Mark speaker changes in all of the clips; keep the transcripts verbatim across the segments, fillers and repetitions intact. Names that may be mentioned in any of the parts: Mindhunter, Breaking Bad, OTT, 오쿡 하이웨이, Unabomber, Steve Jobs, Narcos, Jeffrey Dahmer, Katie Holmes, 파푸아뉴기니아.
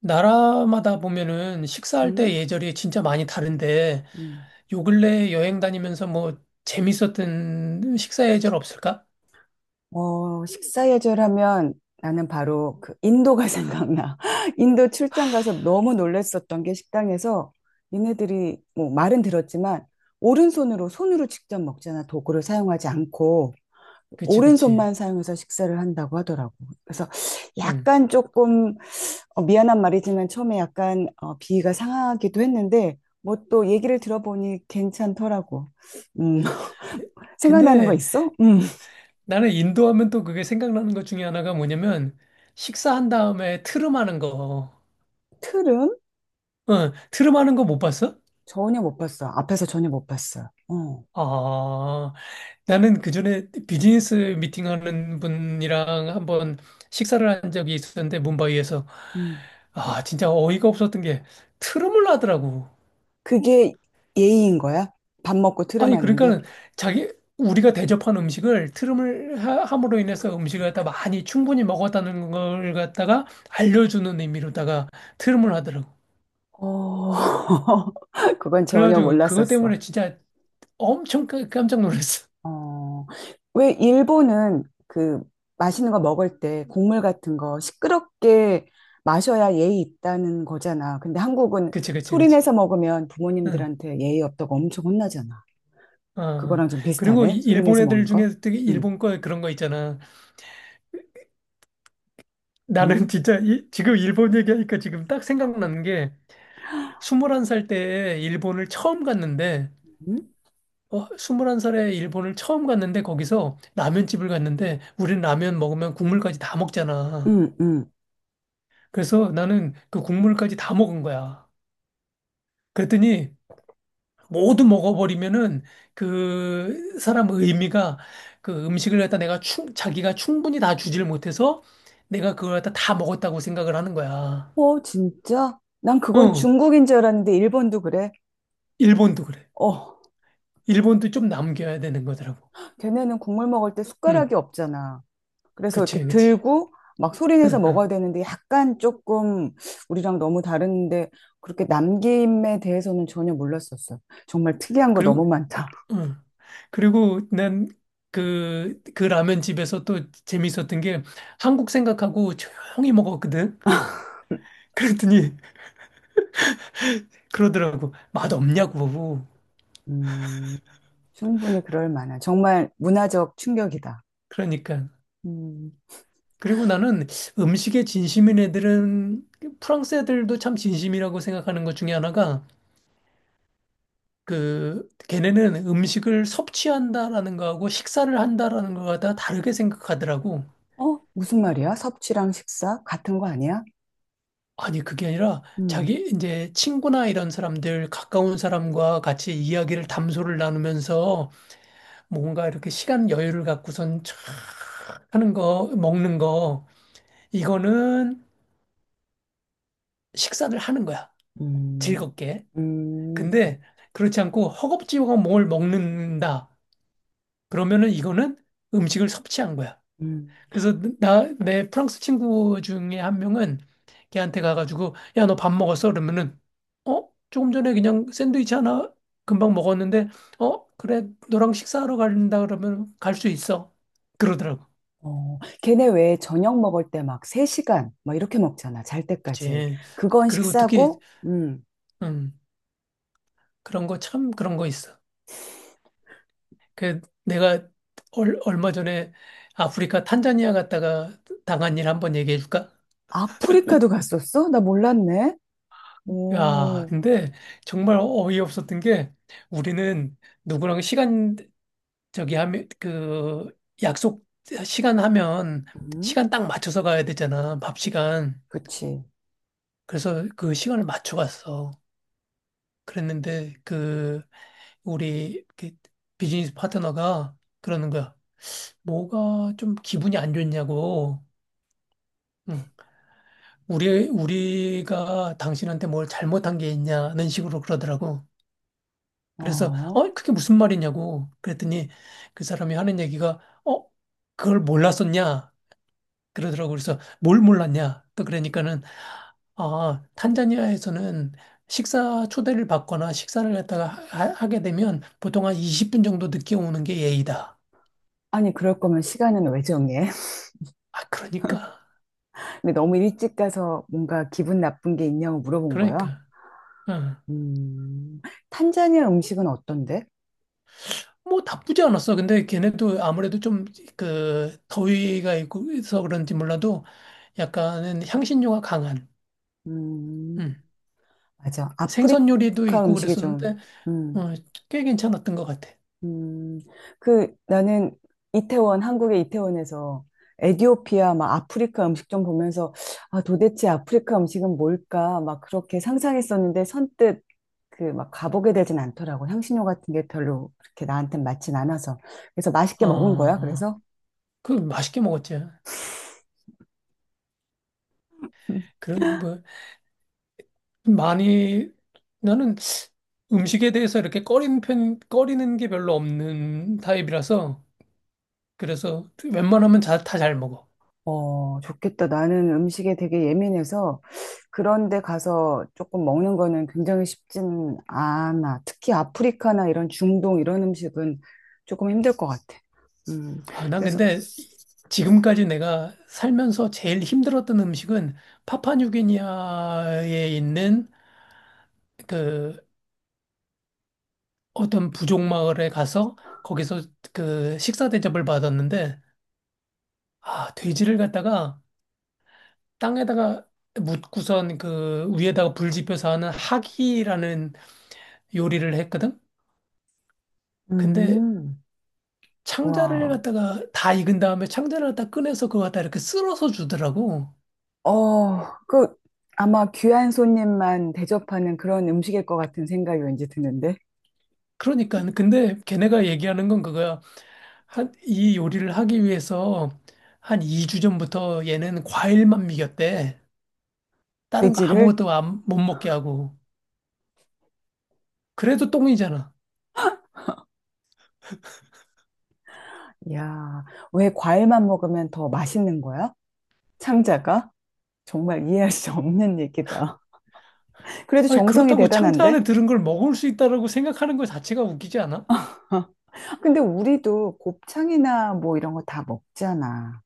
Speaker 1: 나라마다 보면은 식사할
Speaker 2: 음?
Speaker 1: 때 예절이 진짜 많이 다른데
Speaker 2: 음.
Speaker 1: 요 근래 여행 다니면서 뭐 재밌었던 식사 예절 없을까?
Speaker 2: 어, 식사 예절하면 나는 바로 그 인도가 생각나. 인도 출장 가서 너무 놀랬었던 게 식당에서 얘네들이 뭐 말은 들었지만 오른손으로 손으로 직접 먹잖아. 도구를 사용하지 않고
Speaker 1: 그치, 그치.
Speaker 2: 오른손만 사용해서 식사를 한다고 하더라고. 그래서
Speaker 1: 응.
Speaker 2: 약간 조금 어, 미안한 말이지만 처음에 약간 어, 비위가 상하기도 했는데 뭐 또 얘기를 들어보니 괜찮더라고. 음,
Speaker 1: 그,
Speaker 2: 생각나는 거
Speaker 1: 근데
Speaker 2: 있어? 음.
Speaker 1: 나는 인도 하면 또 그게 생각나는 것 중에 하나가 뭐냐면 식사한 다음에 트름하는 거.
Speaker 2: 트름?
Speaker 1: 응, 트름하는 거 못 봤어?
Speaker 2: 전혀 못 봤어. 앞에서 전혀 못 봤어. 어,
Speaker 1: 아, 나는 그전에 비즈니스 미팅하는 분이랑 한번 식사를 한 적이 있었는데 뭄바이에서
Speaker 2: 음.
Speaker 1: 아 진짜 어이가 없었던 게 트름을 하더라고.
Speaker 2: 그게 예의인 거야? 밥 먹고
Speaker 1: 아니
Speaker 2: 트름하는 게?
Speaker 1: 그러니까는 자기 우리가 대접한 음식을 트름을 하- 함으로 인해서 음식을 갖다 많이 충분히 먹었다는 걸 갖다가 알려주는 의미로다가 트름을 하더라고.
Speaker 2: 어, 그건 전혀
Speaker 1: 그래가지고 그것
Speaker 2: 몰랐었어.
Speaker 1: 때문에 진짜 엄청 깜- 깜짝 놀랐어.
Speaker 2: 어, 왜 일본은 그 맛있는 거 먹을 때 국물 같은 거 시끄럽게 마셔야 예의 있다는 거잖아. 근데 한국은
Speaker 1: 그치 그치
Speaker 2: 소리
Speaker 1: 그치.
Speaker 2: 내서 먹으면
Speaker 1: 응.
Speaker 2: 부모님들한테 예의 없다고 엄청 혼나잖아.
Speaker 1: 어. 어.
Speaker 2: 그거랑 좀
Speaker 1: 그리고
Speaker 2: 비슷하네.
Speaker 1: 이-
Speaker 2: 소리
Speaker 1: 일본
Speaker 2: 내서
Speaker 1: 애들
Speaker 2: 먹는 거?
Speaker 1: 중에 되게
Speaker 2: 응,
Speaker 1: 일본 거 그런 거 있잖아. 나는
Speaker 2: 응,
Speaker 1: 진짜 이, 지금 일본 얘기하니까 지금 딱 생각나는 게 스물한 살 때에 일본을 처음 갔는데
Speaker 2: 응,
Speaker 1: 어, 스물한 살에 일본을 처음 갔는데 거기서 라면집을 갔는데 우린 라면 먹으면 국물까지 다 먹잖아.
Speaker 2: 응, 응.
Speaker 1: 그래서 나는 그 국물까지 다 먹은 거야. 그랬더니 모두 먹어버리면은 그 사람 의미가 그 음식을 갖다 내가 충, 자기가 충분히 다 주질 못해서 내가 그걸 갖다 다 먹었다고 생각을 하는 거야.
Speaker 2: 어, 진짜? 난 그건
Speaker 1: 응,
Speaker 2: 중국인 줄 알았는데 일본도 그래?
Speaker 1: 일본도 그래.
Speaker 2: 어,
Speaker 1: 일본도 좀 남겨야 되는 거더라고.
Speaker 2: 걔네는 국물 먹을 때
Speaker 1: 응,
Speaker 2: 숟가락이 없잖아. 그래서 이렇게
Speaker 1: 그치, 그치.
Speaker 2: 들고 막 소리 내서
Speaker 1: 응,
Speaker 2: 먹어야
Speaker 1: 응.
Speaker 2: 되는데 약간 조금 우리랑 너무 다른데 그렇게 남김에 대해서는 전혀 몰랐었어. 정말 특이한 거 너무
Speaker 1: 그리고,
Speaker 2: 많다.
Speaker 1: 응. 그리고 난 그, 그 라면 집에서 또 재밌었던 게 한국 생각하고 조용히 먹었거든. 그랬더니 그러더라고. 맛 없냐고.
Speaker 2: 음, 충분히 그럴 만한. 정말 문화적 충격이다.
Speaker 1: 그러니까.
Speaker 2: 음,
Speaker 1: 그리고 나는 음식에 진심인 애들은 프랑스 애들도 참 진심이라고 생각하는 것 중에 하나가 그 걔네는 음식을 섭취한다라는 거하고 식사를 한다라는 거가 다 다르게 생각하더라고.
Speaker 2: 어? 무슨 말이야? 섭취랑 식사? 같은 거 아니야?
Speaker 1: 아니, 그게 아니라
Speaker 2: 음,
Speaker 1: 자기 이제 친구나 이런 사람들, 가까운 사람과 같이 이야기를 담소를 나누면서 뭐 뭔가 이렇게 시간 여유를 갖고선 촥 하는 거, 먹는 거, 이거는 식사를 하는 거야.
Speaker 2: 음,
Speaker 1: 즐겁게.
Speaker 2: 음,
Speaker 1: 근데 그렇지 않고 허겁지겁 뭘 먹는다. 그러면은 이거는 음식을 섭취한 거야.
Speaker 2: 음.
Speaker 1: 그래서 나, 내 프랑스 친구 중에 한 명은 걔한테 가가지고, 야, 너 밥 먹었어? 그러면은, 어? 조금 전에 그냥 샌드위치 하나 금방 먹었는데, 어? 그래, 너랑 식사하러 간다 그러면 갈 수 있어. 그러더라고.
Speaker 2: 어, 걔네 왜 저녁 먹을 때 막 세 시간 막 이렇게 먹잖아. 잘 때까지.
Speaker 1: 그치.
Speaker 2: 그건
Speaker 1: 그리고 특히,
Speaker 2: 식사고, 음.
Speaker 1: 음, 그런 거 참 그런 거 있어. 그, 내가 얼, 얼마 전에 아프리카 탄자니아 갔다가 당한 일 한번 얘기해 줄까?
Speaker 2: 아프리카도 갔었어? 나 몰랐네.
Speaker 1: 야,
Speaker 2: 오,
Speaker 1: 근데 정말 어이없었던 게 우리는 누구랑 시간 저기 하면 그 약속 시간 하면
Speaker 2: 음,
Speaker 1: 시간 딱 맞춰서 가야 되잖아. 밥 시간.
Speaker 2: 그치.
Speaker 1: 그래서 그 시간을 맞춰 갔어. 그랬는데 그 우리 그 비즈니스 파트너가 그러는 거야. 뭐가 좀 기분이 안 좋냐고. 응. 우리 우리가 당신한테 뭘 잘못한 게 있냐는 식으로 그러더라고. 그래서
Speaker 2: 어.
Speaker 1: 어 그게 무슨 말이냐고 그랬더니 그 사람이 하는 얘기가 어 그걸 몰랐었냐? 그러더라고. 그래서 뭘 몰랐냐? 또 그러니까는 아, 탄자니아에서는 식사 초대를 받거나 식사를 갖다가 하, 하게 되면 보통 한 이십 분 정도 늦게 오는 게 예의다.
Speaker 2: 아니, 그럴 거면 시간은 왜 정해?
Speaker 1: 아, 그러니까.
Speaker 2: 근데 너무 일찍 가서 뭔가 기분 나쁜 게 있냐고 물어본 거야.
Speaker 1: 그러니까. 응.
Speaker 2: 음. 탄자니아 음식은 어떤데?
Speaker 1: 뭐 나쁘지 않았어. 근데 걔네도 아무래도 좀 그 더위가 있고 해서 그런지 몰라도 약간은 향신료가 강한
Speaker 2: 음.
Speaker 1: 음.
Speaker 2: 맞아.
Speaker 1: 생선 요리도
Speaker 2: 아프리카
Speaker 1: 있고
Speaker 2: 음식이
Speaker 1: 그랬었는데
Speaker 2: 좀, 음.
Speaker 1: 어, 꽤 괜찮았던 것 같아.
Speaker 2: 음, 그 나는 이태원, 한국의 이태원에서 에디오피아, 막 아프리카 음식 좀 보면서 아, 도대체 아프리카 음식은 뭘까? 막 그렇게 상상했었는데 선뜻 그 막 가보게 되진 않더라고. 향신료 같은 게 별로 그렇게 나한테 맞진 않아서. 그래서 맛있게 먹은 거야,
Speaker 1: 아,
Speaker 2: 그래서?
Speaker 1: 그 맛있게 먹었지. 그럼 뭐 많이 나는 음식에 대해서 이렇게 꺼리는 편, 꺼리는 게 별로 없는 타입이라서 그래서 웬만하면 다 잘 먹어.
Speaker 2: 어, 좋겠다. 나는 음식에 되게 예민해서 그런 데 가서 조금 먹는 거는 굉장히 쉽진 않아. 특히 아프리카나 이런 중동 이런 음식은 조금 힘들 것 같아. 음,
Speaker 1: 아, 난
Speaker 2: 그래서,
Speaker 1: 근데 이- 지금까지 내가 살면서 제일 힘들었던 음식은 파파뉴기니아에 있는 그 어떤 부족 마을에 가서 거기서 그 식사 대접을 받았는데 아, 돼지를 갖다가 땅에다가 묻고선 그 위에다가 불 지펴서 하는 하기라는 요리를 했거든? 근데
Speaker 2: 음,
Speaker 1: 창자를
Speaker 2: 와.
Speaker 1: 갖다가 다 익은 다음에 창자를 갖다 꺼내서 그거 갖다 이렇게 쓸어서 주더라고.
Speaker 2: 어, 그, 아마 귀한 손님만 대접하는 그런 음식일 것 같은 생각이 왠지 드는데.
Speaker 1: 그러니까 근데 걔네가 얘기하는 건 그거야. 한 이 요리를 하기 위해서 한 이 주 전부터 얘는 과일만 먹였대. 다른 거
Speaker 2: 돼지를?
Speaker 1: 아무것도 안, 못 먹게 하고. 그래도 똥이잖아.
Speaker 2: 야, 왜 과일만 먹으면 더 맛있는 거야? 창자가? 정말 이해할 수 없는 얘기다. 그래도
Speaker 1: 아니
Speaker 2: 정성이
Speaker 1: 그렇다고 창자
Speaker 2: 대단한데?
Speaker 1: 안에 들은 걸 먹을 수 있다라고 생각하는 것 자체가 웃기지 않아?
Speaker 2: 근데 우리도 곱창이나 뭐 이런 거 다 먹잖아.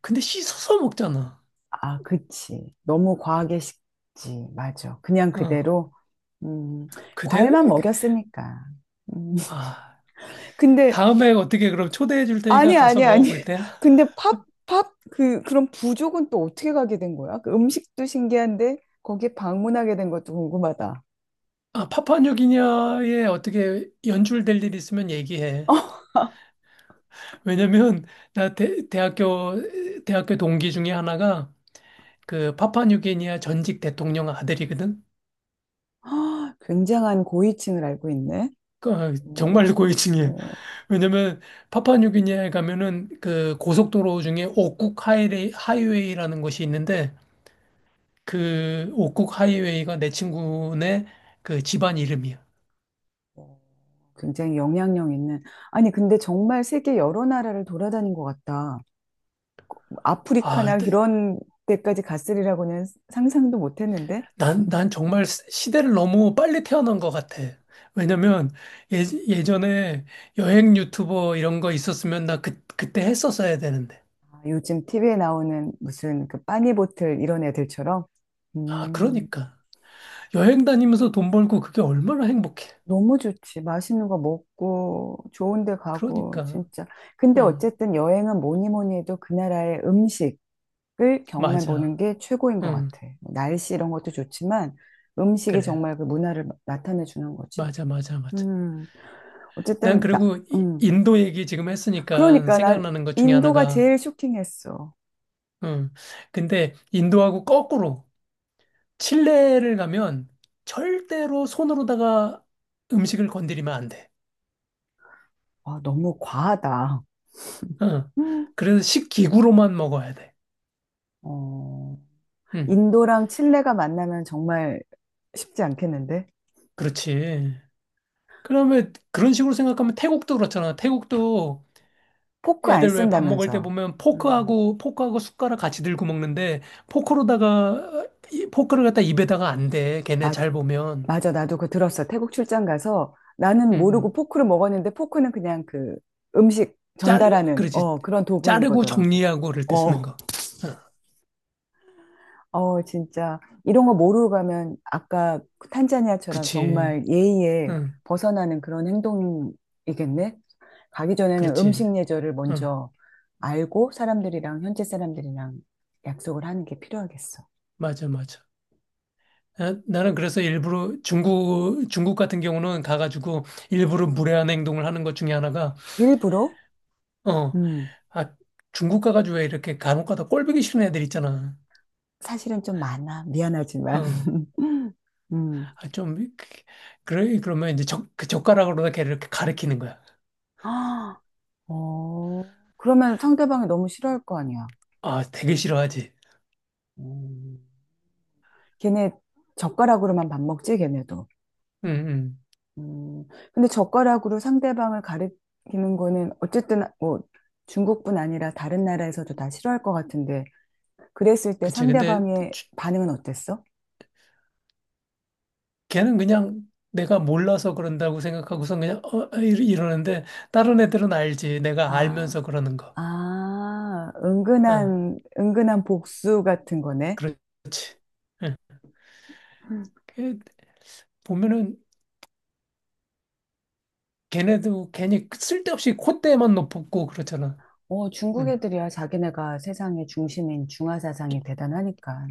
Speaker 1: 근데 씻어서 먹잖아.
Speaker 2: 아, 그치. 너무 과하게 식지. 맞아. 그냥
Speaker 1: 어.
Speaker 2: 그대로, 음,
Speaker 1: 그대
Speaker 2: 과일만 먹였으니까. 음,
Speaker 1: 아.
Speaker 2: 근데,
Speaker 1: 다음에 어떻게 그럼 초대해 줄 테니까
Speaker 2: 아니,
Speaker 1: 가서
Speaker 2: 아니, 아니.
Speaker 1: 먹어볼 때야?
Speaker 2: 근데 팝, 팝, 그, 그런 부족은 또 어떻게 가게 된 거야? 그 음식도 신기한데, 거기에 방문하게 된 것도 궁금하다.
Speaker 1: 아, 파푸아뉴기니아에 어떻게 연출될 일 있으면 얘기해. 왜냐면 나 대, 대학교 대학교 동기 중에 하나가 그 파푸아뉴기니아 전직 대통령 아들이거든.
Speaker 2: 굉장한 고위층을 알고 있네.
Speaker 1: 그
Speaker 2: 음,
Speaker 1: 정말
Speaker 2: 음,
Speaker 1: 고위층이야. 왜냐면 파푸아뉴기니아에 가면은 그 고속도로 중에 오쿡 하이웨이, 하이웨이라는 곳이 있는데 그 오쿡 하이웨이가 내 친구네 그 집안 이름이야.
Speaker 2: 음. 굉장히 영향력 있는. 아니, 근데 정말 세계 여러 나라를 돌아다닌 것 같다. 뭐 아프리카나
Speaker 1: 아,
Speaker 2: 이런 데까지 갔으리라고는 상상도 못 했는데.
Speaker 1: 난, 난 정말 시- 시대를 너무 빨리 태어난 것 같아. 왜냐면 예, 예전에 여행 유튜버 이런 거 있었으면 나 그, 그때 했었어야 되는데.
Speaker 2: 아, 요즘 티비에 나오는 무슨 그 빠니보틀 이런 애들처럼.
Speaker 1: 아,
Speaker 2: 음,
Speaker 1: 그러니까. 여행 다니면서 돈 벌고 그게 얼마나 행복해.
Speaker 2: 너무 좋지. 맛있는 거 먹고, 좋은 데 가고,
Speaker 1: 그러니까.
Speaker 2: 진짜. 근데
Speaker 1: 응,
Speaker 2: 어쨌든 여행은 뭐니 뭐니 해도 그 나라의 음식을 경험해 보는
Speaker 1: 맞아.
Speaker 2: 게 최고인 것
Speaker 1: 응,
Speaker 2: 같아. 뭐 날씨 이런 것도 좋지만 음식이
Speaker 1: 그래.
Speaker 2: 정말 그 문화를 나타내 주는 거지.
Speaker 1: 맞아, 맞아, 맞아.
Speaker 2: 음,
Speaker 1: 난
Speaker 2: 어쨌든, 나,
Speaker 1: 그리고 이-
Speaker 2: 음.
Speaker 1: 인도 얘기 지금 했으니까
Speaker 2: 그러니까, 나
Speaker 1: 생각나는 것 중에
Speaker 2: 인도가
Speaker 1: 하나가,
Speaker 2: 제일 쇼킹했어.
Speaker 1: 응. 근데 인도하고 거꾸로. 칠레를 가면 절대로 손으로다가 음식을 건드리면 안 돼.
Speaker 2: 아, 너무 과하다.
Speaker 1: 어.
Speaker 2: 음.
Speaker 1: 그래서 식기구로만 먹어야 돼.
Speaker 2: 어,
Speaker 1: 응,
Speaker 2: 인도랑 칠레가 만나면 정말 쉽지 않겠는데?
Speaker 1: 그렇지. 그러면 그런 식으로 생각하면 태국도 그렇잖아. 태국도
Speaker 2: 포크 안
Speaker 1: 애들 왜 밥 먹을 때
Speaker 2: 쓴다면서.
Speaker 1: 보면
Speaker 2: 음.
Speaker 1: 포크하고 포크하고 숟가락 같이 들고 먹는데 포크로다가 이- 포크를 갖다 입에다가 안 돼. 걔네
Speaker 2: 맞,
Speaker 1: 잘 보면.
Speaker 2: 맞아, 나도 그거 들었어. 태국 출장 가서
Speaker 1: 응,
Speaker 2: 나는 모르고
Speaker 1: 응.
Speaker 2: 포크를 먹었는데 포크는 그냥 그 음식
Speaker 1: 자르
Speaker 2: 전달하는,
Speaker 1: 그렇지.
Speaker 2: 어, 그런 도구인
Speaker 1: 자르고
Speaker 2: 거더라고.
Speaker 1: 정리하고 그럴 때 쓰는
Speaker 2: 어.
Speaker 1: 거. 어.
Speaker 2: 어, 진짜. 이런 거 모르고 가면 아까 그 탄자니아처럼
Speaker 1: 그치.
Speaker 2: 정말 예의에
Speaker 1: 응.
Speaker 2: 벗어나는 그런 행동이겠네? 가기 전에는
Speaker 1: 그렇지.
Speaker 2: 음식 예절을
Speaker 1: 응.
Speaker 2: 먼저 알고 사람들이랑, 현지 사람들이랑 약속을 하는 게 필요하겠어.
Speaker 1: 맞아, 맞아. 나- 나는 그래서 일부러 중국, 중국 같은 경우는 가가지고 일부러 무례한 행동을 하는 것 중에 하나가,
Speaker 2: 일부러?
Speaker 1: 어,
Speaker 2: 음,
Speaker 1: 아, 중국 가가지고 왜 이렇게 간혹 가다 꼴보기 싫은 애들 있잖아.
Speaker 2: 사실은 좀 많아. 미안하지만.
Speaker 1: 어,
Speaker 2: 음.
Speaker 1: 아, 좀, 그- 그래, 그러면 이제 젓, 그 젓가락으로다 걔를 이렇게 가리키는 거야.
Speaker 2: 아, 어, 그러면 상대방이 너무 싫어할 거 아니야.
Speaker 1: 아, 되게 싫어하지.
Speaker 2: 음. 걔네 젓가락으로만 밥 먹지, 걔네도.
Speaker 1: 응, 응.
Speaker 2: 음, 근데 젓가락으로 상대방을 가리키는 거는 어쨌든 뭐 중국뿐 아니라 다른 나라에서도 다 싫어할 것 같은데 그랬을 때
Speaker 1: 그치. 근데
Speaker 2: 상대방의
Speaker 1: 주-
Speaker 2: 반응은 어땠어?
Speaker 1: 걔는 그냥 내가 몰라서 그런다고 생각하고선 그냥, 어, 어, 이러- 이러는데, 다른 애들은 알지. 내가
Speaker 2: 아,
Speaker 1: 알면서 그러는 거.
Speaker 2: 아,
Speaker 1: 응,
Speaker 2: 은근한, 은근한 복수 같은 거네.
Speaker 1: 그렇지. 응.
Speaker 2: 음.
Speaker 1: 걔 보면은 걔네도 괜히 쓸데없이 콧대만 높고 그렇잖아.
Speaker 2: 어, 중국
Speaker 1: 응.
Speaker 2: 애들이야. 자기네가 세상의 중심인 중화 사상이 대단하니까.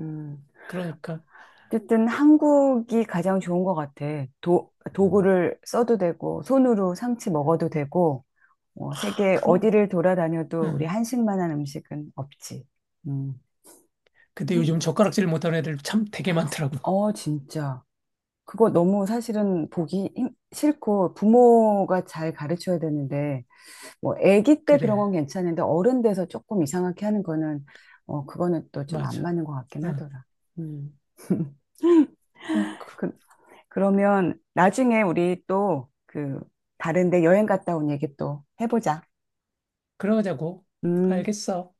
Speaker 2: 음.
Speaker 1: 그러니까
Speaker 2: 어쨌든 한국이 가장 좋은 것 같아. 도, 도구를 써도 되고, 손으로 상치 먹어도 되고, 어,
Speaker 1: 아,
Speaker 2: 세계
Speaker 1: 그럼.
Speaker 2: 어디를 돌아다녀도 우리
Speaker 1: 응.
Speaker 2: 한식만한 음식은 없지. 음.
Speaker 1: 근데 요즘 젓가락질 못하는 애들 참 되게 많더라고.
Speaker 2: 어, 진짜. 그거 너무 사실은 보기 힘- 싫고 부모가 잘 가르쳐야 되는데, 뭐, 아기 때 그런
Speaker 1: 그래,
Speaker 2: 건 괜찮은데 어른 돼서 조금 이상하게 하는 거는, 어, 그거는 또 좀 안
Speaker 1: 맞아.
Speaker 2: 맞는 것 같긴
Speaker 1: 응.
Speaker 2: 하더라. 음.
Speaker 1: 아이고,
Speaker 2: 그, 그러면 나중에 우리 또 그, 다른데 여행 갔다 온 얘기 또 해보자.
Speaker 1: 그러자고.
Speaker 2: 음.
Speaker 1: 알겠어.